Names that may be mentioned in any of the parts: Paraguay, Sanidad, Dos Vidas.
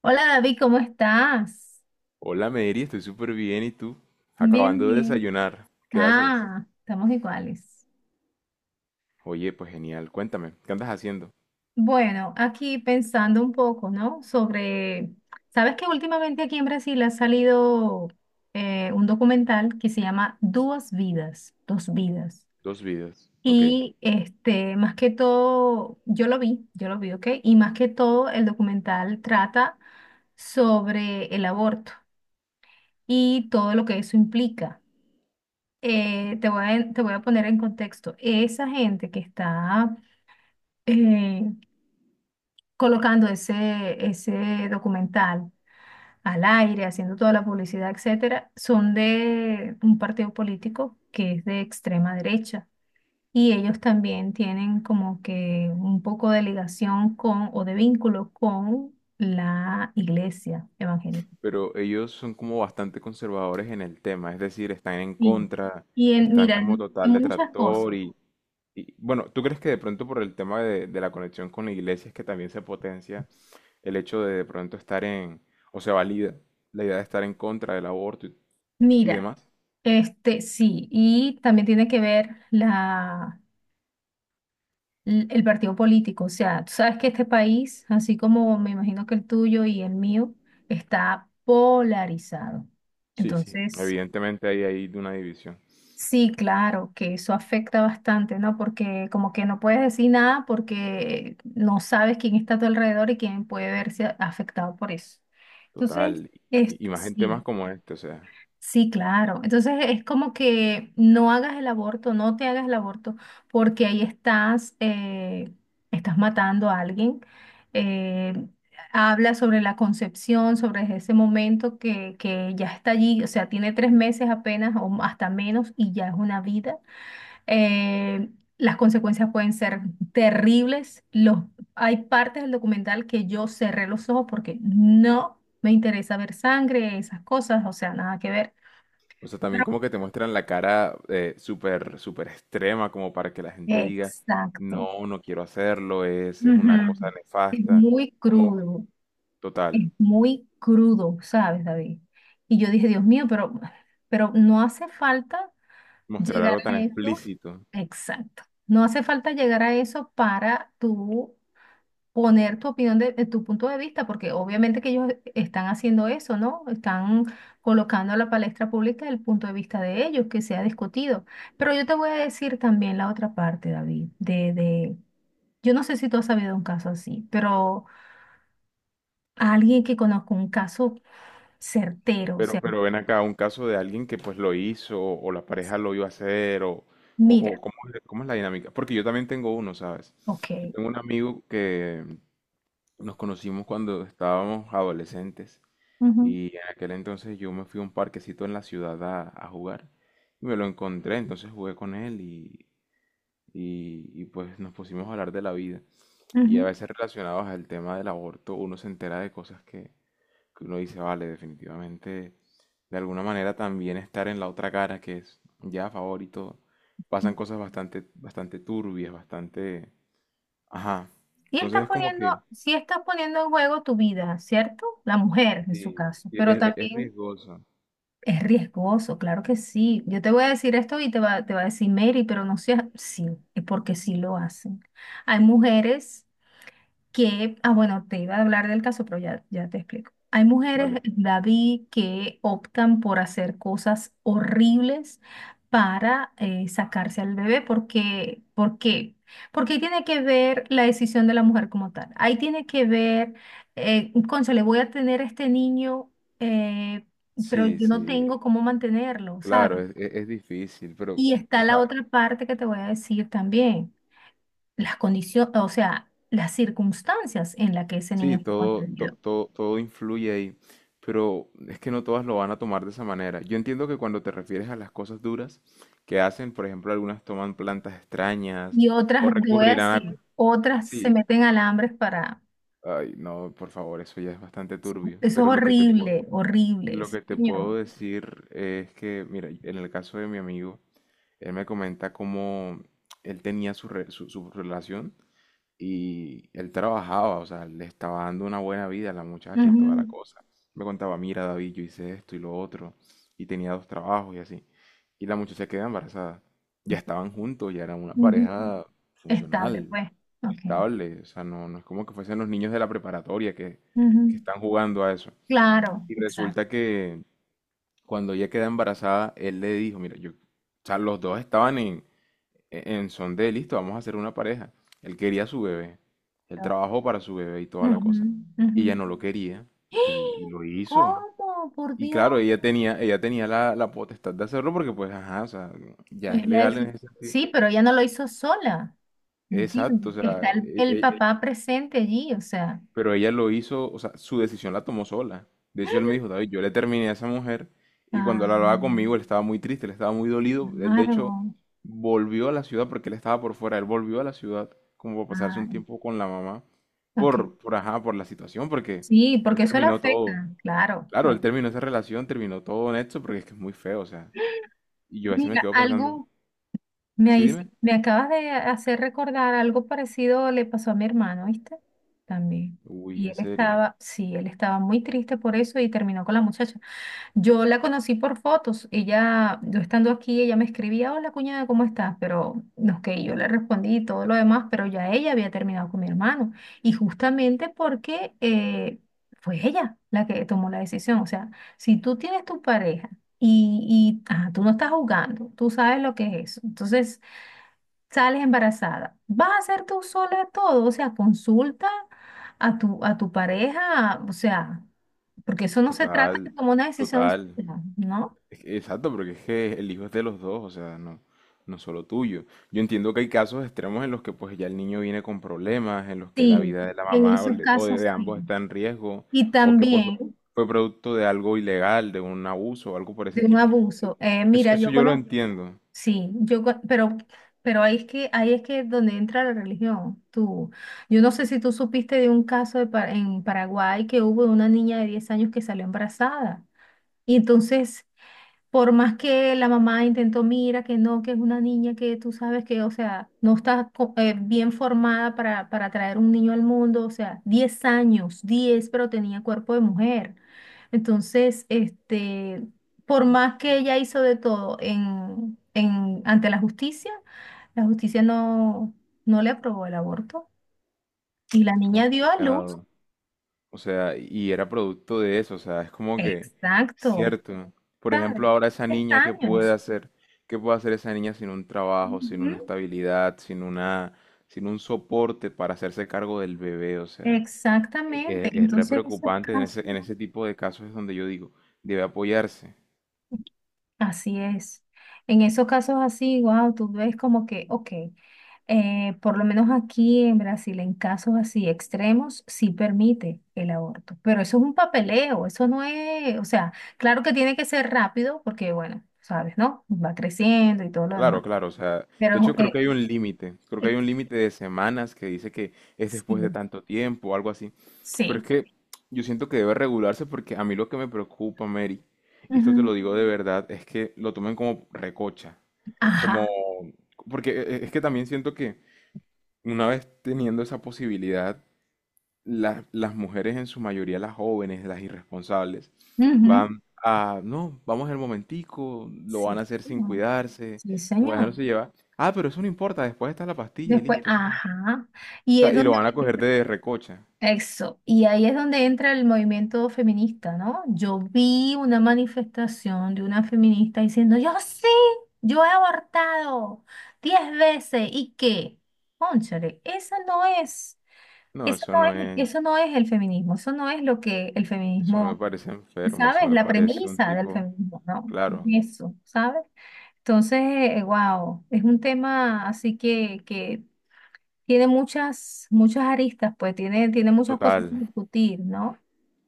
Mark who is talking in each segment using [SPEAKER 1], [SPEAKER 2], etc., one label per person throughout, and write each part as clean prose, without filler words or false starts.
[SPEAKER 1] Hola David, ¿cómo estás?
[SPEAKER 2] Hola Mary, estoy súper bien. ¿Y tú?
[SPEAKER 1] Bien,
[SPEAKER 2] Acabando de
[SPEAKER 1] bien.
[SPEAKER 2] desayunar. ¿Qué haces?
[SPEAKER 1] Ah, estamos iguales.
[SPEAKER 2] Oye, pues genial. Cuéntame, ¿qué andas haciendo?
[SPEAKER 1] Bueno, aquí pensando un poco, ¿no? Sobre, sabes que últimamente aquí en Brasil ha salido un documental que se llama Dos Vidas, Dos Vidas.
[SPEAKER 2] Dos vidas. Ok.
[SPEAKER 1] Más que todo, yo lo vi, ¿ok? Y más que todo, el documental trata sobre el aborto y todo lo que eso implica. Te voy a poner en contexto. Esa gente que está eh, colocando ese documental al aire, haciendo toda la publicidad, etcétera, son de un partido político que es de extrema derecha. Y ellos también tienen como que un poco de ligación con o de vínculo con la iglesia evangélica.
[SPEAKER 2] Pero ellos son como bastante conservadores en el tema, es decir, están en
[SPEAKER 1] Sí.
[SPEAKER 2] contra,
[SPEAKER 1] Y en,
[SPEAKER 2] están
[SPEAKER 1] mira,
[SPEAKER 2] como
[SPEAKER 1] en
[SPEAKER 2] total
[SPEAKER 1] muchas cosas.
[SPEAKER 2] detractor y bueno, ¿tú crees que de pronto por el tema de la conexión con la iglesia es que también se potencia el hecho de pronto estar en, o se valida la idea de estar en contra del aborto y
[SPEAKER 1] Mira,
[SPEAKER 2] demás?
[SPEAKER 1] Sí, y también tiene que ver el partido político. O sea, tú sabes que este país, así como me imagino que el tuyo y el mío, está polarizado.
[SPEAKER 2] Sí, sí.
[SPEAKER 1] Entonces,
[SPEAKER 2] Evidentemente ahí hay una división.
[SPEAKER 1] sí, claro, que eso afecta bastante, ¿no? Porque como que no puedes decir nada porque no sabes quién está a tu alrededor y quién puede verse afectado por eso. Entonces,
[SPEAKER 2] Total. Y más gente más
[SPEAKER 1] sí.
[SPEAKER 2] como este, o sea.
[SPEAKER 1] Sí, claro. Entonces es como que no hagas el aborto, no te hagas el aborto, porque ahí estás, estás matando a alguien. Eh, habla sobre la concepción, sobre ese momento que ya está allí, o sea, tiene 3 meses apenas o hasta menos y ya es una vida. Eh, las consecuencias pueden ser terribles. Los, hay partes del documental que yo cerré los ojos porque no me interesa ver sangre, esas cosas, o sea, nada que ver.
[SPEAKER 2] O sea, también como que te muestran la cara súper, súper extrema, como para que la gente diga,
[SPEAKER 1] Exacto.
[SPEAKER 2] no, no quiero hacerlo, es una cosa
[SPEAKER 1] Ujú. Es
[SPEAKER 2] nefasta.
[SPEAKER 1] muy
[SPEAKER 2] Como,
[SPEAKER 1] crudo,
[SPEAKER 2] total,
[SPEAKER 1] es muy crudo, ¿sabes, David? Y yo dije, Dios mío, pero no hace falta
[SPEAKER 2] mostrar
[SPEAKER 1] llegar
[SPEAKER 2] algo tan
[SPEAKER 1] a eso.
[SPEAKER 2] explícito.
[SPEAKER 1] Exacto. No hace falta llegar a eso para tú poner tu opinión de tu punto de vista, porque obviamente que ellos están haciendo eso, ¿no? Están colocando a la palestra pública el punto de vista de ellos, que se ha discutido. Pero yo te voy a decir también la otra parte, David, de Yo no sé si tú has sabido un caso así, pero a alguien que conozco un caso certero, o sea,
[SPEAKER 2] Pero ven acá un caso de alguien que pues lo hizo, o la pareja lo iba a hacer, o
[SPEAKER 1] mira,
[SPEAKER 2] cómo es la dinámica? Porque yo también tengo uno, ¿sabes?
[SPEAKER 1] ok,
[SPEAKER 2] Yo tengo un amigo que nos conocimos cuando estábamos adolescentes.
[SPEAKER 1] ujú,
[SPEAKER 2] Y en aquel entonces yo me fui a un parquecito en la ciudad a jugar y me lo encontré, entonces jugué con él y pues nos pusimos a hablar de la vida. Y a
[SPEAKER 1] ujú,
[SPEAKER 2] veces relacionados al tema del aborto uno se entera de cosas que uno dice, vale, definitivamente, de alguna manera también estar en la otra cara que es ya a favor y todo.
[SPEAKER 1] ujú.
[SPEAKER 2] Pasan cosas bastante, bastante turbias, bastante... Ajá. Entonces es como que...
[SPEAKER 1] Sí estás poniendo en juego tu vida, ¿cierto? La mujer en su
[SPEAKER 2] Sí,
[SPEAKER 1] caso, pero
[SPEAKER 2] es,
[SPEAKER 1] también
[SPEAKER 2] riesgoso.
[SPEAKER 1] es riesgoso, claro que sí. Yo te voy a decir esto y te va a decir Mary, pero no seas, sí, es porque sí lo hacen. Hay mujeres que, ah, bueno, te iba a hablar del caso, pero ya, ya te explico. Hay mujeres,
[SPEAKER 2] Vale.
[SPEAKER 1] David, que optan por hacer cosas horribles para sacarse al bebé. Porque ¿Por qué? Porque ahí tiene que ver la decisión de la mujer como tal. Ahí tiene que ver, cónchale, voy a tener este niño, eh, pero
[SPEAKER 2] Sí,
[SPEAKER 1] yo no
[SPEAKER 2] sí.
[SPEAKER 1] tengo cómo mantenerlo,
[SPEAKER 2] Claro,
[SPEAKER 1] ¿sabes?
[SPEAKER 2] es, es difícil, pero,
[SPEAKER 1] Y
[SPEAKER 2] o
[SPEAKER 1] está la
[SPEAKER 2] sea,
[SPEAKER 1] otra parte que te voy a decir también las condiciones, o sea, las circunstancias en las que ese
[SPEAKER 2] sí,
[SPEAKER 1] niño fue
[SPEAKER 2] todo,
[SPEAKER 1] concebido.
[SPEAKER 2] todo, todo influye ahí, pero es que no todas lo van a tomar de esa manera. Yo entiendo que cuando te refieres a las cosas duras que hacen, por ejemplo, algunas toman plantas extrañas
[SPEAKER 1] Y otras,
[SPEAKER 2] o
[SPEAKER 1] te voy a
[SPEAKER 2] recurrirán a...
[SPEAKER 1] decir, otras se
[SPEAKER 2] Sí,
[SPEAKER 1] meten alambres para...
[SPEAKER 2] ay, no, por favor, eso ya es bastante turbio,
[SPEAKER 1] Eso es
[SPEAKER 2] pero lo que te puedo,
[SPEAKER 1] horrible, horrible,
[SPEAKER 2] lo
[SPEAKER 1] sí,
[SPEAKER 2] que te puedo
[SPEAKER 1] señor.
[SPEAKER 2] decir es que, mira, en el caso de mi amigo, él me comenta cómo él tenía su, su relación. Y él trabajaba, o sea, le estaba dando una buena vida a la muchacha y toda la
[SPEAKER 1] Ujú,
[SPEAKER 2] cosa. Me contaba, mira, David, yo hice esto y lo otro, y tenía dos trabajos y así. Y la muchacha queda embarazada. Ya estaban juntos, ya eran una
[SPEAKER 1] ujú.
[SPEAKER 2] pareja
[SPEAKER 1] Estable,
[SPEAKER 2] funcional,
[SPEAKER 1] pues. Ok.
[SPEAKER 2] estable. O sea, no, no es como que fuesen los niños de la preparatoria que
[SPEAKER 1] Ujú.
[SPEAKER 2] están jugando a eso.
[SPEAKER 1] Claro,
[SPEAKER 2] Y
[SPEAKER 1] exacto.
[SPEAKER 2] resulta que cuando ella queda embarazada, él le dijo, mira, yo, o sea, los dos estaban en, en son de, listo, vamos a hacer una pareja. Él quería a su bebé, él trabajó para su bebé y toda la
[SPEAKER 1] Ujú,
[SPEAKER 2] cosa.
[SPEAKER 1] ujú.
[SPEAKER 2] Y ella no lo quería y
[SPEAKER 1] ¡Ah!
[SPEAKER 2] lo hizo.
[SPEAKER 1] ¿Cómo? Por
[SPEAKER 2] Y
[SPEAKER 1] Dios.
[SPEAKER 2] claro, ella tenía la, la potestad de hacerlo porque pues, ajá, o sea, ya es
[SPEAKER 1] Es la
[SPEAKER 2] legal en
[SPEAKER 1] deci-
[SPEAKER 2] ese sentido.
[SPEAKER 1] Sí, pero ella no lo hizo sola, ¿entiendes?
[SPEAKER 2] Exacto, o sea,
[SPEAKER 1] Está el papá presente allí, o sea.
[SPEAKER 2] pero ella lo hizo, o sea, su decisión la tomó sola. De hecho, él me dijo, David, yo le terminé a esa mujer y cuando
[SPEAKER 1] Ah,
[SPEAKER 2] él hablaba conmigo, él estaba muy triste, él estaba muy dolido. Él, de hecho,
[SPEAKER 1] claro.
[SPEAKER 2] volvió a la ciudad porque él estaba por fuera, él volvió a la ciudad como para pasarse un
[SPEAKER 1] Ah,
[SPEAKER 2] tiempo con la mamá
[SPEAKER 1] ok.
[SPEAKER 2] ajá, por la situación, porque
[SPEAKER 1] Sí,
[SPEAKER 2] él
[SPEAKER 1] porque eso le
[SPEAKER 2] terminó todo.
[SPEAKER 1] afecta, claro.
[SPEAKER 2] Claro, él terminó esa relación, terminó todo en esto porque es que es muy feo, o sea. Y yo a veces me
[SPEAKER 1] Mira,
[SPEAKER 2] quedo pensando,
[SPEAKER 1] algo
[SPEAKER 2] sí, dime.
[SPEAKER 1] me acabas de hacer recordar, algo parecido le pasó a mi hermano, ¿viste? También.
[SPEAKER 2] Uy,
[SPEAKER 1] Y él
[SPEAKER 2] en serio.
[SPEAKER 1] estaba, sí, él estaba muy triste por eso y terminó con la muchacha. Yo la conocí por fotos. Ella, yo estando aquí, ella me escribía, hola cuñada, ¿cómo estás? Pero no que yo le respondí y todo lo demás, pero ya ella había terminado con mi hermano. Y justamente porque fue ella la que tomó la decisión. O sea, si tú tienes tu pareja y ajá, tú no estás jugando, tú sabes lo que es eso. Entonces sales embarazada. ¿Vas a hacer tú sola todo? O sea, consulta a tu pareja, o sea porque eso no se trata
[SPEAKER 2] Total,
[SPEAKER 1] de como una decisión
[SPEAKER 2] total.
[SPEAKER 1] sola, ¿no?
[SPEAKER 2] Es que exacto, porque es que el hijo es de los dos, o sea, no, no solo tuyo. Yo entiendo que hay casos extremos en los que pues ya el niño viene con problemas, en los que la
[SPEAKER 1] Sí,
[SPEAKER 2] vida de la
[SPEAKER 1] en
[SPEAKER 2] mamá o,
[SPEAKER 1] esos
[SPEAKER 2] o
[SPEAKER 1] casos
[SPEAKER 2] de
[SPEAKER 1] sí.
[SPEAKER 2] ambos está en riesgo,
[SPEAKER 1] Y
[SPEAKER 2] o que pues
[SPEAKER 1] también
[SPEAKER 2] fue producto de algo ilegal, de un abuso o algo por ese
[SPEAKER 1] de un
[SPEAKER 2] tipo.
[SPEAKER 1] abuso.
[SPEAKER 2] Eso,
[SPEAKER 1] Mira,
[SPEAKER 2] eso
[SPEAKER 1] yo
[SPEAKER 2] yo lo
[SPEAKER 1] conozco,
[SPEAKER 2] entiendo.
[SPEAKER 1] sí, pero ahí es que donde entra la religión. Tú, yo no sé si tú supiste de un caso de en Paraguay que hubo una niña de 10 años que salió embarazada. Y entonces Por más que la mamá intentó, mira, que no, que es una niña que tú sabes que, o sea, no está bien formada para traer un niño al mundo, o sea, 10 años, 10 pero tenía cuerpo de mujer. Entonces, por más que ella hizo de todo en, ante la justicia no, no le aprobó el aborto y la niña dio a luz,
[SPEAKER 2] Complicado. O sea, y era producto de eso, o sea, es como que,
[SPEAKER 1] exacto,
[SPEAKER 2] cierto. Por
[SPEAKER 1] ¿sabes?
[SPEAKER 2] ejemplo, ahora esa
[SPEAKER 1] 10
[SPEAKER 2] niña, ¿qué puede
[SPEAKER 1] años.
[SPEAKER 2] hacer? ¿Qué puede hacer esa niña sin un trabajo, sin una
[SPEAKER 1] Ujú.
[SPEAKER 2] estabilidad, sin una, sin un soporte para hacerse cargo del bebé? O sea,
[SPEAKER 1] Exactamente.
[SPEAKER 2] es, re
[SPEAKER 1] Entonces, esos
[SPEAKER 2] preocupante
[SPEAKER 1] casos,
[SPEAKER 2] en ese tipo de casos es donde yo digo, debe apoyarse.
[SPEAKER 1] así es. En esos casos así, wow, tú ves como que, ok, por lo menos aquí en Brasil, en casos así extremos, sí permite el aborto. Pero eso es un papeleo, eso no es, o sea, claro que tiene que ser rápido porque, bueno, sabes, ¿no? Va creciendo y todo lo
[SPEAKER 2] Claro,
[SPEAKER 1] demás.
[SPEAKER 2] claro, o sea, de
[SPEAKER 1] Pero
[SPEAKER 2] hecho creo que hay un límite, creo que
[SPEAKER 1] eh,
[SPEAKER 2] hay un límite de semanas que dice que es después de
[SPEAKER 1] sí,
[SPEAKER 2] tanto tiempo o algo así, pero es
[SPEAKER 1] sí.
[SPEAKER 2] que yo siento que debe regularse porque a mí lo que me preocupa, Mary, y esto te
[SPEAKER 1] Ujú.
[SPEAKER 2] lo digo de verdad, es que lo tomen como recocha,
[SPEAKER 1] Ajá.
[SPEAKER 2] como, porque es que también siento que una vez teniendo esa posibilidad, las mujeres, en su mayoría las jóvenes, las irresponsables,
[SPEAKER 1] ujú,
[SPEAKER 2] van a, no, vamos al momentico, lo van
[SPEAKER 1] Sí.
[SPEAKER 2] a hacer sin
[SPEAKER 1] señor.
[SPEAKER 2] cuidarse,
[SPEAKER 1] Sí,
[SPEAKER 2] como
[SPEAKER 1] señor.
[SPEAKER 2] dejándose llevar. Ah, pero eso no importa, después está la pastilla y
[SPEAKER 1] Después,
[SPEAKER 2] listo, eso no. O
[SPEAKER 1] ajá. Y
[SPEAKER 2] sea,
[SPEAKER 1] es
[SPEAKER 2] y lo
[SPEAKER 1] donde
[SPEAKER 2] van a coger
[SPEAKER 1] entra-
[SPEAKER 2] de recocha.
[SPEAKER 1] eso. Y ahí es donde entra el movimiento feminista, ¿no? Yo vi una manifestación de una feminista diciendo, yo sí, yo he abortado 10 veces. ¿Y qué? Cónchale, esa no es,
[SPEAKER 2] No,
[SPEAKER 1] eso
[SPEAKER 2] eso no
[SPEAKER 1] no es,
[SPEAKER 2] es,
[SPEAKER 1] eso no es el feminismo, eso no es lo que el
[SPEAKER 2] eso me
[SPEAKER 1] feminismo,
[SPEAKER 2] parece enfermo,
[SPEAKER 1] ¿sabes?
[SPEAKER 2] eso me
[SPEAKER 1] La
[SPEAKER 2] parece un
[SPEAKER 1] premisa del
[SPEAKER 2] tipo,
[SPEAKER 1] feminismo, ¿no?
[SPEAKER 2] claro,
[SPEAKER 1] Eso, ¿sabes? Entonces, wow, es un tema así que tiene muchas, muchas aristas, pues tiene, tiene muchas cosas
[SPEAKER 2] total,
[SPEAKER 1] que discutir, ¿no?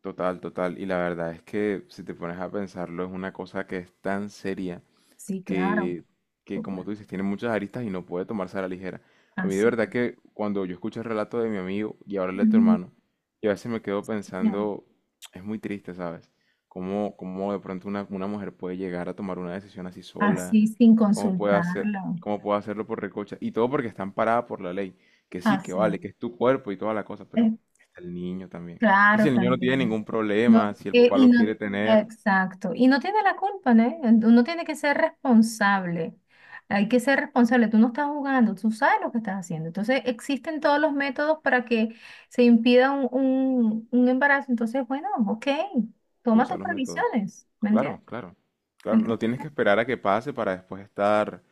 [SPEAKER 2] total, total. Y la verdad es que si te pones a pensarlo, es una cosa que es tan seria
[SPEAKER 1] Sí, claro,
[SPEAKER 2] que, que, como
[SPEAKER 1] súper.
[SPEAKER 2] tú dices, tiene muchas aristas y no puede tomarse a la ligera. A mí de
[SPEAKER 1] Así,
[SPEAKER 2] verdad que cuando yo escucho el relato de mi amigo y ahora el de tu
[SPEAKER 1] ujú,
[SPEAKER 2] hermano, yo a veces me quedo
[SPEAKER 1] sí, señor.
[SPEAKER 2] pensando, es muy triste, ¿sabes? Cómo, cómo de pronto una mujer puede llegar a tomar una decisión así sola,
[SPEAKER 1] Así sin
[SPEAKER 2] cómo puede hacer,
[SPEAKER 1] consultarlo.
[SPEAKER 2] cómo puede hacerlo por recocha, y todo porque está amparada por la ley, que sí, que
[SPEAKER 1] Así es.
[SPEAKER 2] vale, que es tu cuerpo y toda la cosa, pero está el niño también. Y si
[SPEAKER 1] Claro,
[SPEAKER 2] el niño no tiene
[SPEAKER 1] también.
[SPEAKER 2] ningún
[SPEAKER 1] No,
[SPEAKER 2] problema, si el papá
[SPEAKER 1] y
[SPEAKER 2] lo quiere
[SPEAKER 1] no,
[SPEAKER 2] tener,
[SPEAKER 1] exacto. Y no tiene la culpa, ¿no? Uno tiene que ser responsable. Hay que ser responsable. Tú no estás jugando, tú sabes lo que estás haciendo. Entonces, existen todos los métodos para que se impida un embarazo. Entonces, bueno, ok, toma
[SPEAKER 2] usa
[SPEAKER 1] tus
[SPEAKER 2] los métodos.
[SPEAKER 1] previsiones, ¿me
[SPEAKER 2] Claro,
[SPEAKER 1] entiendes?
[SPEAKER 2] claro. Claro, no
[SPEAKER 1] Entonces,
[SPEAKER 2] tienes que esperar a que pase para después estar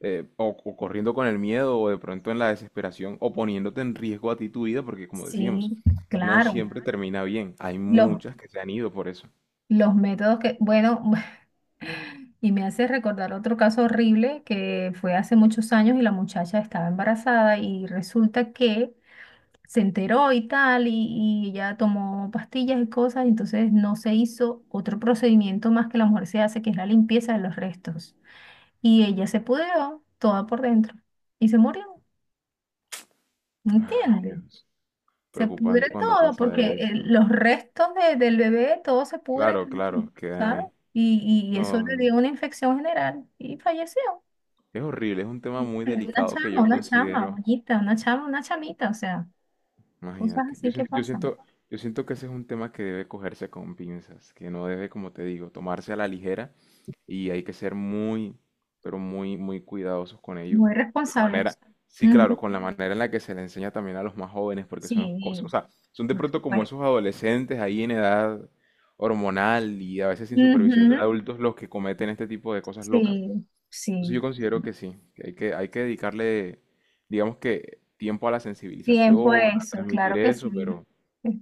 [SPEAKER 2] o corriendo con el miedo o de pronto en la desesperación o poniéndote en riesgo a ti tu vida, porque como decíamos,
[SPEAKER 1] sí,
[SPEAKER 2] no
[SPEAKER 1] claro.
[SPEAKER 2] siempre termina bien. Hay
[SPEAKER 1] Los,
[SPEAKER 2] muchas que se han ido por eso.
[SPEAKER 1] los métodos que, bueno, Y me hace recordar otro caso horrible que fue hace muchos años y la muchacha estaba embarazada y resulta que se enteró y tal y ella tomó pastillas y cosas, entonces no se hizo otro procedimiento más que la mujer se hace, que es la limpieza de los restos. Y ella se pudrió toda por dentro y se murió, ¿me
[SPEAKER 2] Ay,
[SPEAKER 1] entiende?
[SPEAKER 2] Dios.
[SPEAKER 1] Se
[SPEAKER 2] Preocupante
[SPEAKER 1] pudre
[SPEAKER 2] cuando
[SPEAKER 1] todo porque
[SPEAKER 2] pasa eso.
[SPEAKER 1] los restos del bebé, todo se pudre,
[SPEAKER 2] Claro, claro, quedan
[SPEAKER 1] ¿sabes?
[SPEAKER 2] ahí.
[SPEAKER 1] Y eso
[SPEAKER 2] No,
[SPEAKER 1] le dio una infección general y falleció.
[SPEAKER 2] es horrible, es un tema muy
[SPEAKER 1] Pero
[SPEAKER 2] delicado que yo
[SPEAKER 1] una chama,
[SPEAKER 2] considero.
[SPEAKER 1] bonita, una chama, una chamita, o sea, cosas
[SPEAKER 2] Imagínate,
[SPEAKER 1] así que pasan.
[SPEAKER 2] yo siento que ese es un tema que debe cogerse con pinzas, que no debe, como te digo, tomarse a la ligera y hay que ser muy, pero muy, muy cuidadosos con ello,
[SPEAKER 1] Muy
[SPEAKER 2] con la manera,
[SPEAKER 1] responsables.
[SPEAKER 2] sí, claro,
[SPEAKER 1] Ujú,
[SPEAKER 2] con la manera en la que se le enseña también a los más jóvenes, porque son los, o
[SPEAKER 1] Sí,
[SPEAKER 2] sea, son de
[SPEAKER 1] por
[SPEAKER 2] pronto como
[SPEAKER 1] supuesto.
[SPEAKER 2] esos adolescentes ahí en edad hormonal y a veces sin supervisión de
[SPEAKER 1] Ujú,
[SPEAKER 2] adultos los que cometen este tipo de cosas
[SPEAKER 1] Sí,
[SPEAKER 2] locas. Entonces yo
[SPEAKER 1] sí.
[SPEAKER 2] considero
[SPEAKER 1] sí.
[SPEAKER 2] que sí, que hay que, hay que dedicarle, digamos que, tiempo a la
[SPEAKER 1] Tiempo
[SPEAKER 2] sensibilización, a
[SPEAKER 1] eso,
[SPEAKER 2] transmitir
[SPEAKER 1] claro que
[SPEAKER 2] eso,
[SPEAKER 1] sí.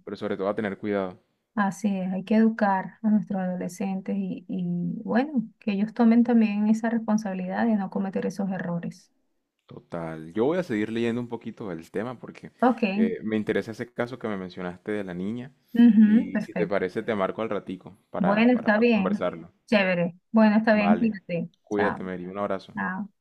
[SPEAKER 2] pero sobre todo a tener cuidado.
[SPEAKER 1] Así es, hay que educar a nuestros adolescentes y bueno, que ellos tomen también esa responsabilidad de no cometer esos errores.
[SPEAKER 2] Total. Yo voy a seguir leyendo un poquito del tema porque
[SPEAKER 1] Ok,
[SPEAKER 2] me interesa ese caso que me mencionaste de la niña
[SPEAKER 1] ujú,
[SPEAKER 2] y si te
[SPEAKER 1] perfecto.
[SPEAKER 2] parece te marco al ratico
[SPEAKER 1] Bueno,
[SPEAKER 2] para
[SPEAKER 1] está
[SPEAKER 2] pues
[SPEAKER 1] bien.
[SPEAKER 2] conversarlo.
[SPEAKER 1] Chévere. Bueno, está bien,
[SPEAKER 2] Vale.
[SPEAKER 1] cuídate. Chao.
[SPEAKER 2] Cuídate, Mary. Un abrazo.
[SPEAKER 1] Chao.